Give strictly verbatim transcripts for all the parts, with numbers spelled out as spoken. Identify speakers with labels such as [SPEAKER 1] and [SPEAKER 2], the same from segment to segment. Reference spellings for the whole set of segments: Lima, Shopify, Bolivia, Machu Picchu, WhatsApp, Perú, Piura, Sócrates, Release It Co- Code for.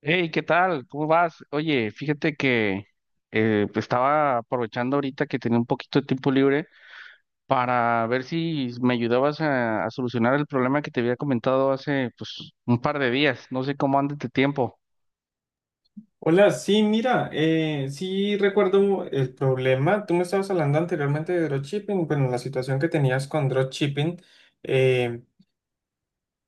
[SPEAKER 1] Hey, ¿qué tal? ¿Cómo vas? Oye, fíjate que eh, pues estaba aprovechando ahorita que tenía un poquito de tiempo libre para ver si me ayudabas a, a solucionar el problema que te había comentado hace pues un par de días. No sé cómo anda tu tiempo.
[SPEAKER 2] Hola, sí, mira, eh, sí recuerdo el problema. Tú me estabas hablando anteriormente de dropshipping, bueno, la situación que tenías con dropshipping, eh,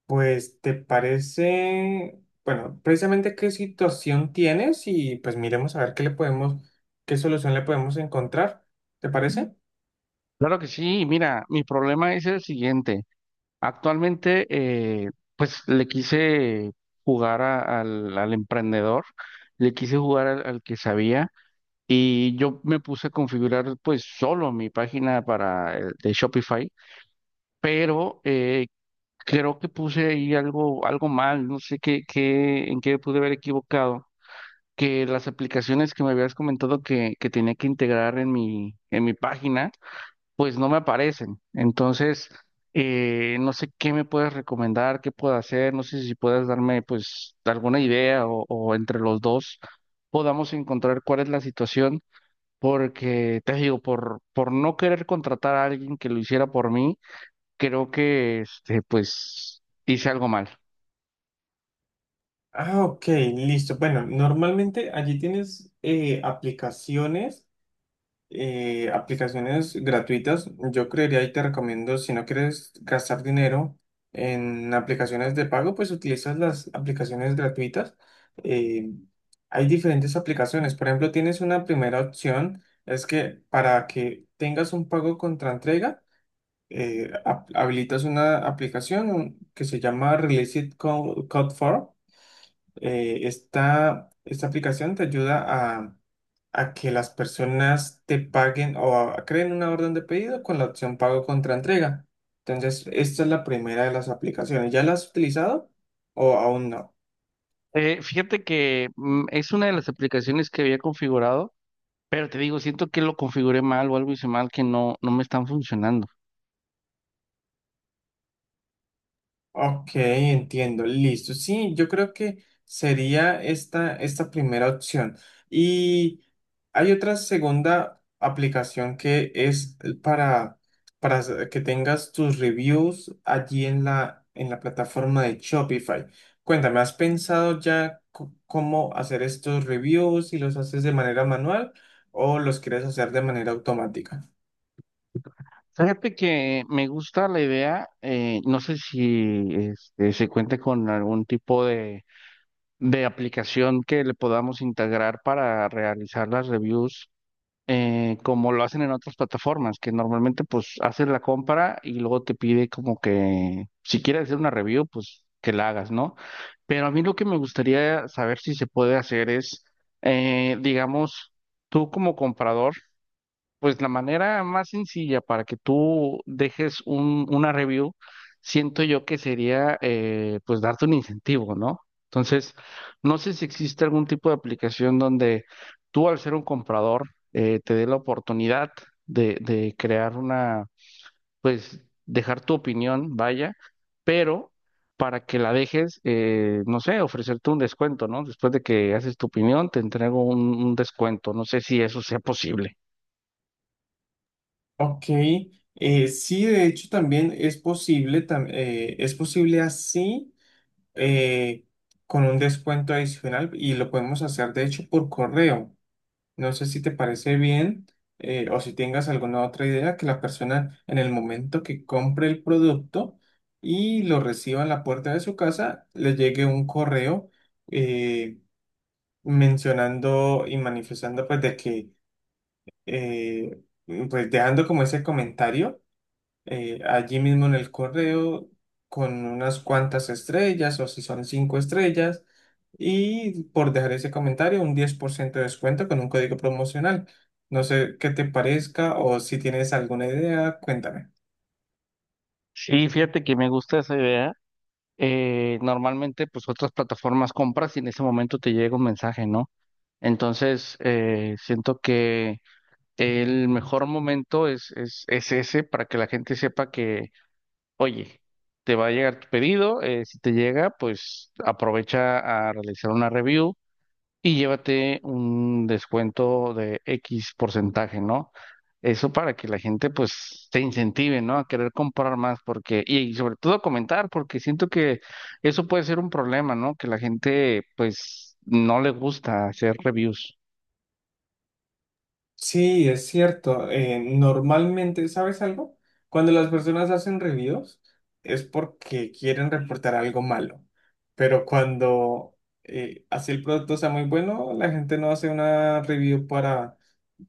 [SPEAKER 2] pues te parece, bueno, precisamente qué situación tienes y pues miremos a ver qué le podemos, qué solución le podemos encontrar. ¿Te parece?
[SPEAKER 1] Claro que sí, mira, mi problema es el siguiente. Actualmente, eh, pues le quise jugar a- al, al emprendedor, le quise jugar al al que sabía. Y yo me puse a configurar pues solo mi página para el de Shopify, pero eh, creo que puse ahí algo, algo mal, no sé qué, qué, en qué pude haber equivocado, que las aplicaciones que me habías comentado que, que tenía que integrar en mi, en mi página, pues no me aparecen. Entonces, eh, no sé qué me puedes recomendar, qué puedo hacer, no sé si puedes darme pues alguna idea o o entre los dos podamos encontrar cuál es la situación porque te digo, por, por no querer contratar a alguien que lo hiciera por mí, creo que este, pues hice algo mal.
[SPEAKER 2] Ah, ok, listo. Bueno, normalmente allí tienes eh, aplicaciones. Eh, aplicaciones gratuitas. Yo creería y te recomiendo, si no quieres gastar dinero en aplicaciones de pago, pues utilizas las aplicaciones gratuitas. Eh, hay diferentes aplicaciones. Por ejemplo, tienes una primera opción, es que para que tengas un pago contra entrega, eh, hab- habilitas una aplicación que se llama Release It Co- Code for eh, esta, esta aplicación te ayuda a, a que las personas te paguen o a- creen una orden de pedido con la opción pago contra entrega. Entonces, esta es la primera de las aplicaciones. ¿Ya la has utilizado o aún no?
[SPEAKER 1] Eh, fíjate que mm, es una de las aplicaciones que había configurado, pero te digo, siento que lo configuré mal o algo hice mal que no, no me están funcionando.
[SPEAKER 2] Ok, entiendo, listo. Sí, yo creo que sería esta, esta primera opción. Y hay otra segunda aplicación que es para, para s- que tengas tus reviews allí en la, en la plataforma de Shopify. Cuéntame, ¿has pensado ya c- cómo hacer estos reviews? ¿Si los haces de manera manual o los quieres hacer de manera automática?
[SPEAKER 1] Fíjate que me gusta la idea, eh, no sé si este, se cuente con algún tipo de, de aplicación que le podamos integrar para realizar las reviews eh, como lo hacen en otras plataformas, que normalmente pues haces la compra y luego te pide como que si quieres hacer una review, pues que la hagas, ¿no? Pero a mí lo que me gustaría saber si se puede hacer es, eh, digamos, tú como comprador, pues la manera más sencilla para que tú dejes un, una review, siento yo que sería eh, pues darte un incentivo, ¿no? Entonces, no sé si existe algún tipo de aplicación donde tú al ser un comprador eh, te dé la oportunidad de, de crear una, pues dejar tu opinión, vaya, pero para que la dejes, eh, no sé, ofrecerte un descuento, ¿no? Después de que haces tu opinión, te entrego un un descuento. No sé si eso sea posible.
[SPEAKER 2] Ok, eh, sí, de hecho también es posible, tam- eh, es posible así eh, con un descuento adicional y lo podemos hacer de hecho por correo. No sé si te parece bien eh, o si tengas alguna otra idea que la persona en el momento que compre el producto y lo reciba en la puerta de su casa, le llegue un correo eh, mencionando y manifestando pues de que eh, pues dejando como ese comentario eh, allí mismo en el correo con unas cuantas estrellas o si son cinco estrellas y por dejar ese comentario un diez por ciento de descuento con un código promocional. No sé qué te parezca o si tienes alguna idea, cuéntame.
[SPEAKER 1] Sí, fíjate que me gusta esa idea. Eh, normalmente, pues otras plataformas compras y en ese momento te llega un mensaje, ¿no? Entonces, eh, siento que el mejor momento es, es, es ese para que la gente sepa que, oye, te va a llegar tu pedido, eh, si te llega, pues aprovecha a realizar una review y llévate un descuento de X porcentaje, ¿no? Eso para que la gente pues se incentive, ¿no? A querer comprar más porque, y, y sobre todo comentar, porque siento que eso puede ser un problema, ¿no? Que la gente pues no le gusta hacer reviews.
[SPEAKER 2] Sí, es cierto. Eh, normalmente, ¿sabes algo? Cuando las personas hacen reviews es porque quieren reportar algo malo. Pero cuando eh, así el producto sea muy bueno, la gente no hace una review para,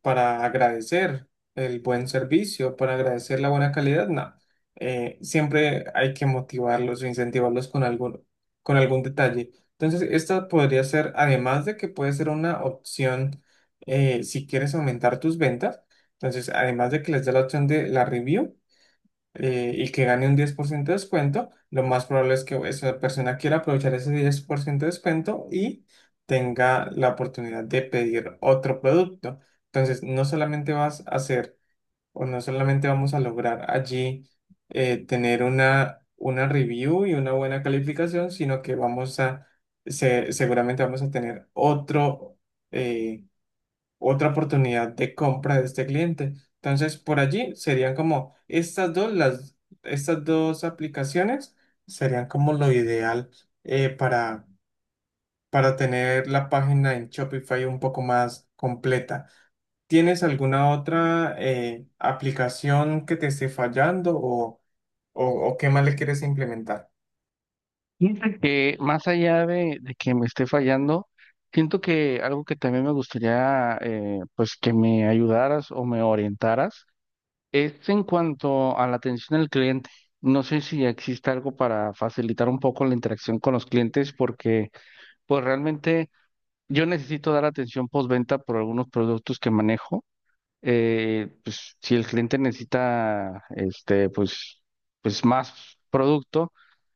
[SPEAKER 2] para agradecer el buen servicio, para agradecer la buena calidad. No. Eh, siempre hay que motivarlos o incentivarlos con algún, con algún detalle. Entonces, esta podría ser, además de que puede ser una opción eh, si quieres aumentar tus ventas, entonces además de que les dé la opción de la review eh, y que gane un diez por ciento de descuento, lo más probable es que esa persona quiera aprovechar ese diez por ciento de descuento y tenga la oportunidad de pedir otro producto. Entonces, no solamente vas a hacer o no solamente vamos a lograr allí eh, tener una, una review y una buena calificación, sino que vamos a, se- seguramente vamos a tener otro eh, otra oportunidad de compra de este cliente. Entonces, por allí serían como estas dos, las, estas dos aplicaciones serían como lo ideal eh, para, para tener la página en Shopify un poco más completa. ¿Tienes alguna otra eh, aplicación que te esté fallando o, o, o qué más le quieres implementar?
[SPEAKER 1] Fíjate que más allá de, de que me esté fallando, siento que algo que también me gustaría eh, pues que me ayudaras o me orientaras es en cuanto a la atención al cliente. No sé si existe algo para facilitar un poco la interacción con los clientes, porque pues realmente yo necesito dar atención postventa por algunos productos que manejo. Eh, pues si el cliente necesita este, pues, pues más producto,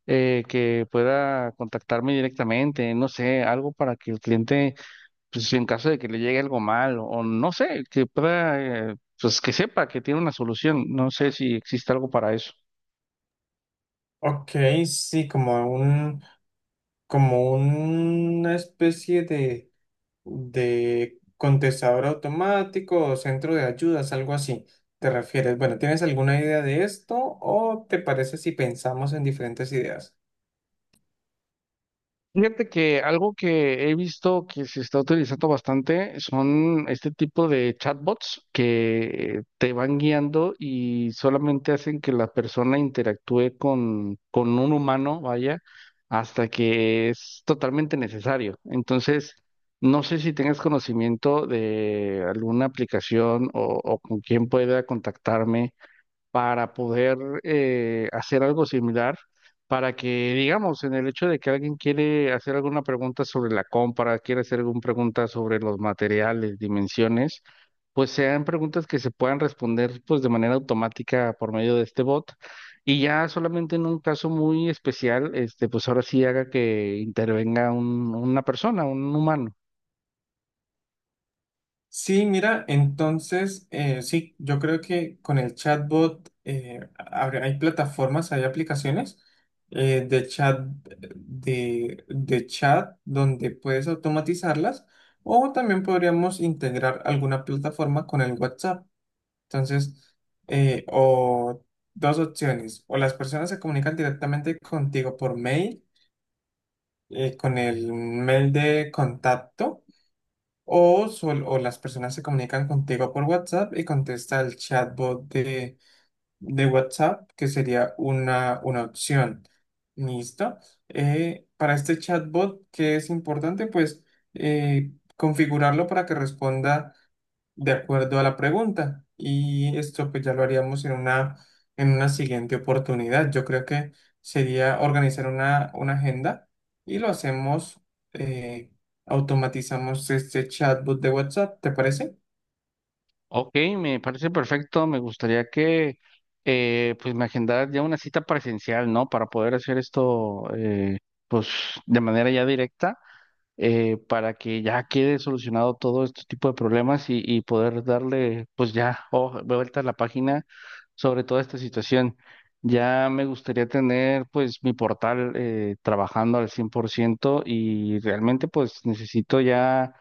[SPEAKER 1] eh, que pueda contactarme directamente, no sé, algo para que el cliente pues en caso de que le llegue algo mal o no sé, que pueda, eh, pues que sepa que tiene una solución. No sé si existe algo para eso.
[SPEAKER 2] Ok, sí, como un, como una especie de de contestador automático o centro de ayudas, algo así. ¿Te refieres? Bueno, ¿tienes alguna idea de esto o te parece si pensamos en diferentes ideas?
[SPEAKER 1] Fíjate que algo que he visto que se está utilizando bastante son este tipo de chatbots que te van guiando y solamente hacen que la persona interactúe con, con un humano, vaya, hasta que es totalmente necesario. Entonces, no sé si tengas conocimiento de alguna aplicación o, o con quién pueda contactarme para poder eh, hacer algo similar, para que, digamos, en el hecho de que alguien quiere hacer alguna pregunta sobre la compra, quiere hacer alguna pregunta sobre los materiales, dimensiones, pues sean preguntas que se puedan responder pues de manera automática por medio de este bot. Y ya solamente en un caso muy especial, este, pues ahora sí haga que intervenga un- una persona, un humano.
[SPEAKER 2] Sí, mira, entonces, eh, sí, yo creo que con el chatbot eh, habrá- hay plataformas, hay aplicaciones eh, de chat, de, de chat donde puedes automatizarlas o también podríamos integrar alguna plataforma con el WhatsApp. Entonces, eh, o dos opciones, o las personas se comunican directamente contigo por mail, eh, con el mail de contacto, o, sol- o las personas se comunican contigo por WhatsApp y contesta el chatbot de, de WhatsApp, que sería una, una opción. ¿Listo? Eh, para este chatbot, ¿qué es importante? Pues eh, configurarlo para que responda de acuerdo a la pregunta. Y esto pues ya lo haríamos en una, en una siguiente oportunidad. Yo creo que sería organizar una, una agenda y lo hacemos, eh, automatizamos este chatbot de WhatsApp, ¿te parece?
[SPEAKER 1] Ok, me parece perfecto. Me gustaría que eh, pues me agendaras ya una cita presencial, ¿no? Para poder hacer esto eh, pues de manera ya directa, eh, para que ya quede solucionado todo este tipo de problemas y, y poder darle pues ya oh, vuelta a la página sobre toda esta situación. Ya me gustaría tener pues mi portal eh, trabajando al cien por ciento y realmente pues necesito ya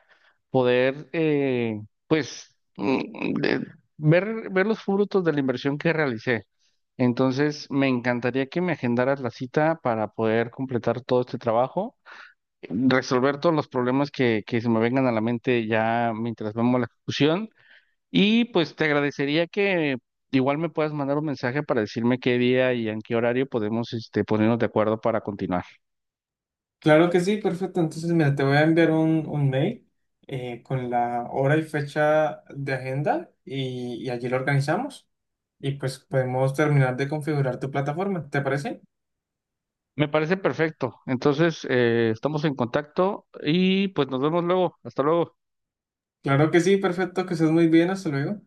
[SPEAKER 1] poder, eh, pues, mm, de- ver, ver los frutos de la inversión que realicé. Entonces, me encantaría que me agendaras la cita para poder completar todo este trabajo, resolver todos los problemas que, que se me vengan a la mente ya mientras vemos la ejecución. Y pues te agradecería que igual me puedas mandar un mensaje para decirme qué día y en qué horario podemos este, ponernos de acuerdo para continuar.
[SPEAKER 2] Claro que sí, perfecto. Entonces, mira, te voy a enviar un, un mail eh, con la hora y fecha de agenda y, y allí lo organizamos y pues podemos terminar de configurar tu plataforma, ¿te parece?
[SPEAKER 1] Me parece perfecto. Entonces, eh, estamos en contacto y pues nos vemos luego. Hasta luego.
[SPEAKER 2] Claro que sí, perfecto, que estés muy bien, hasta luego.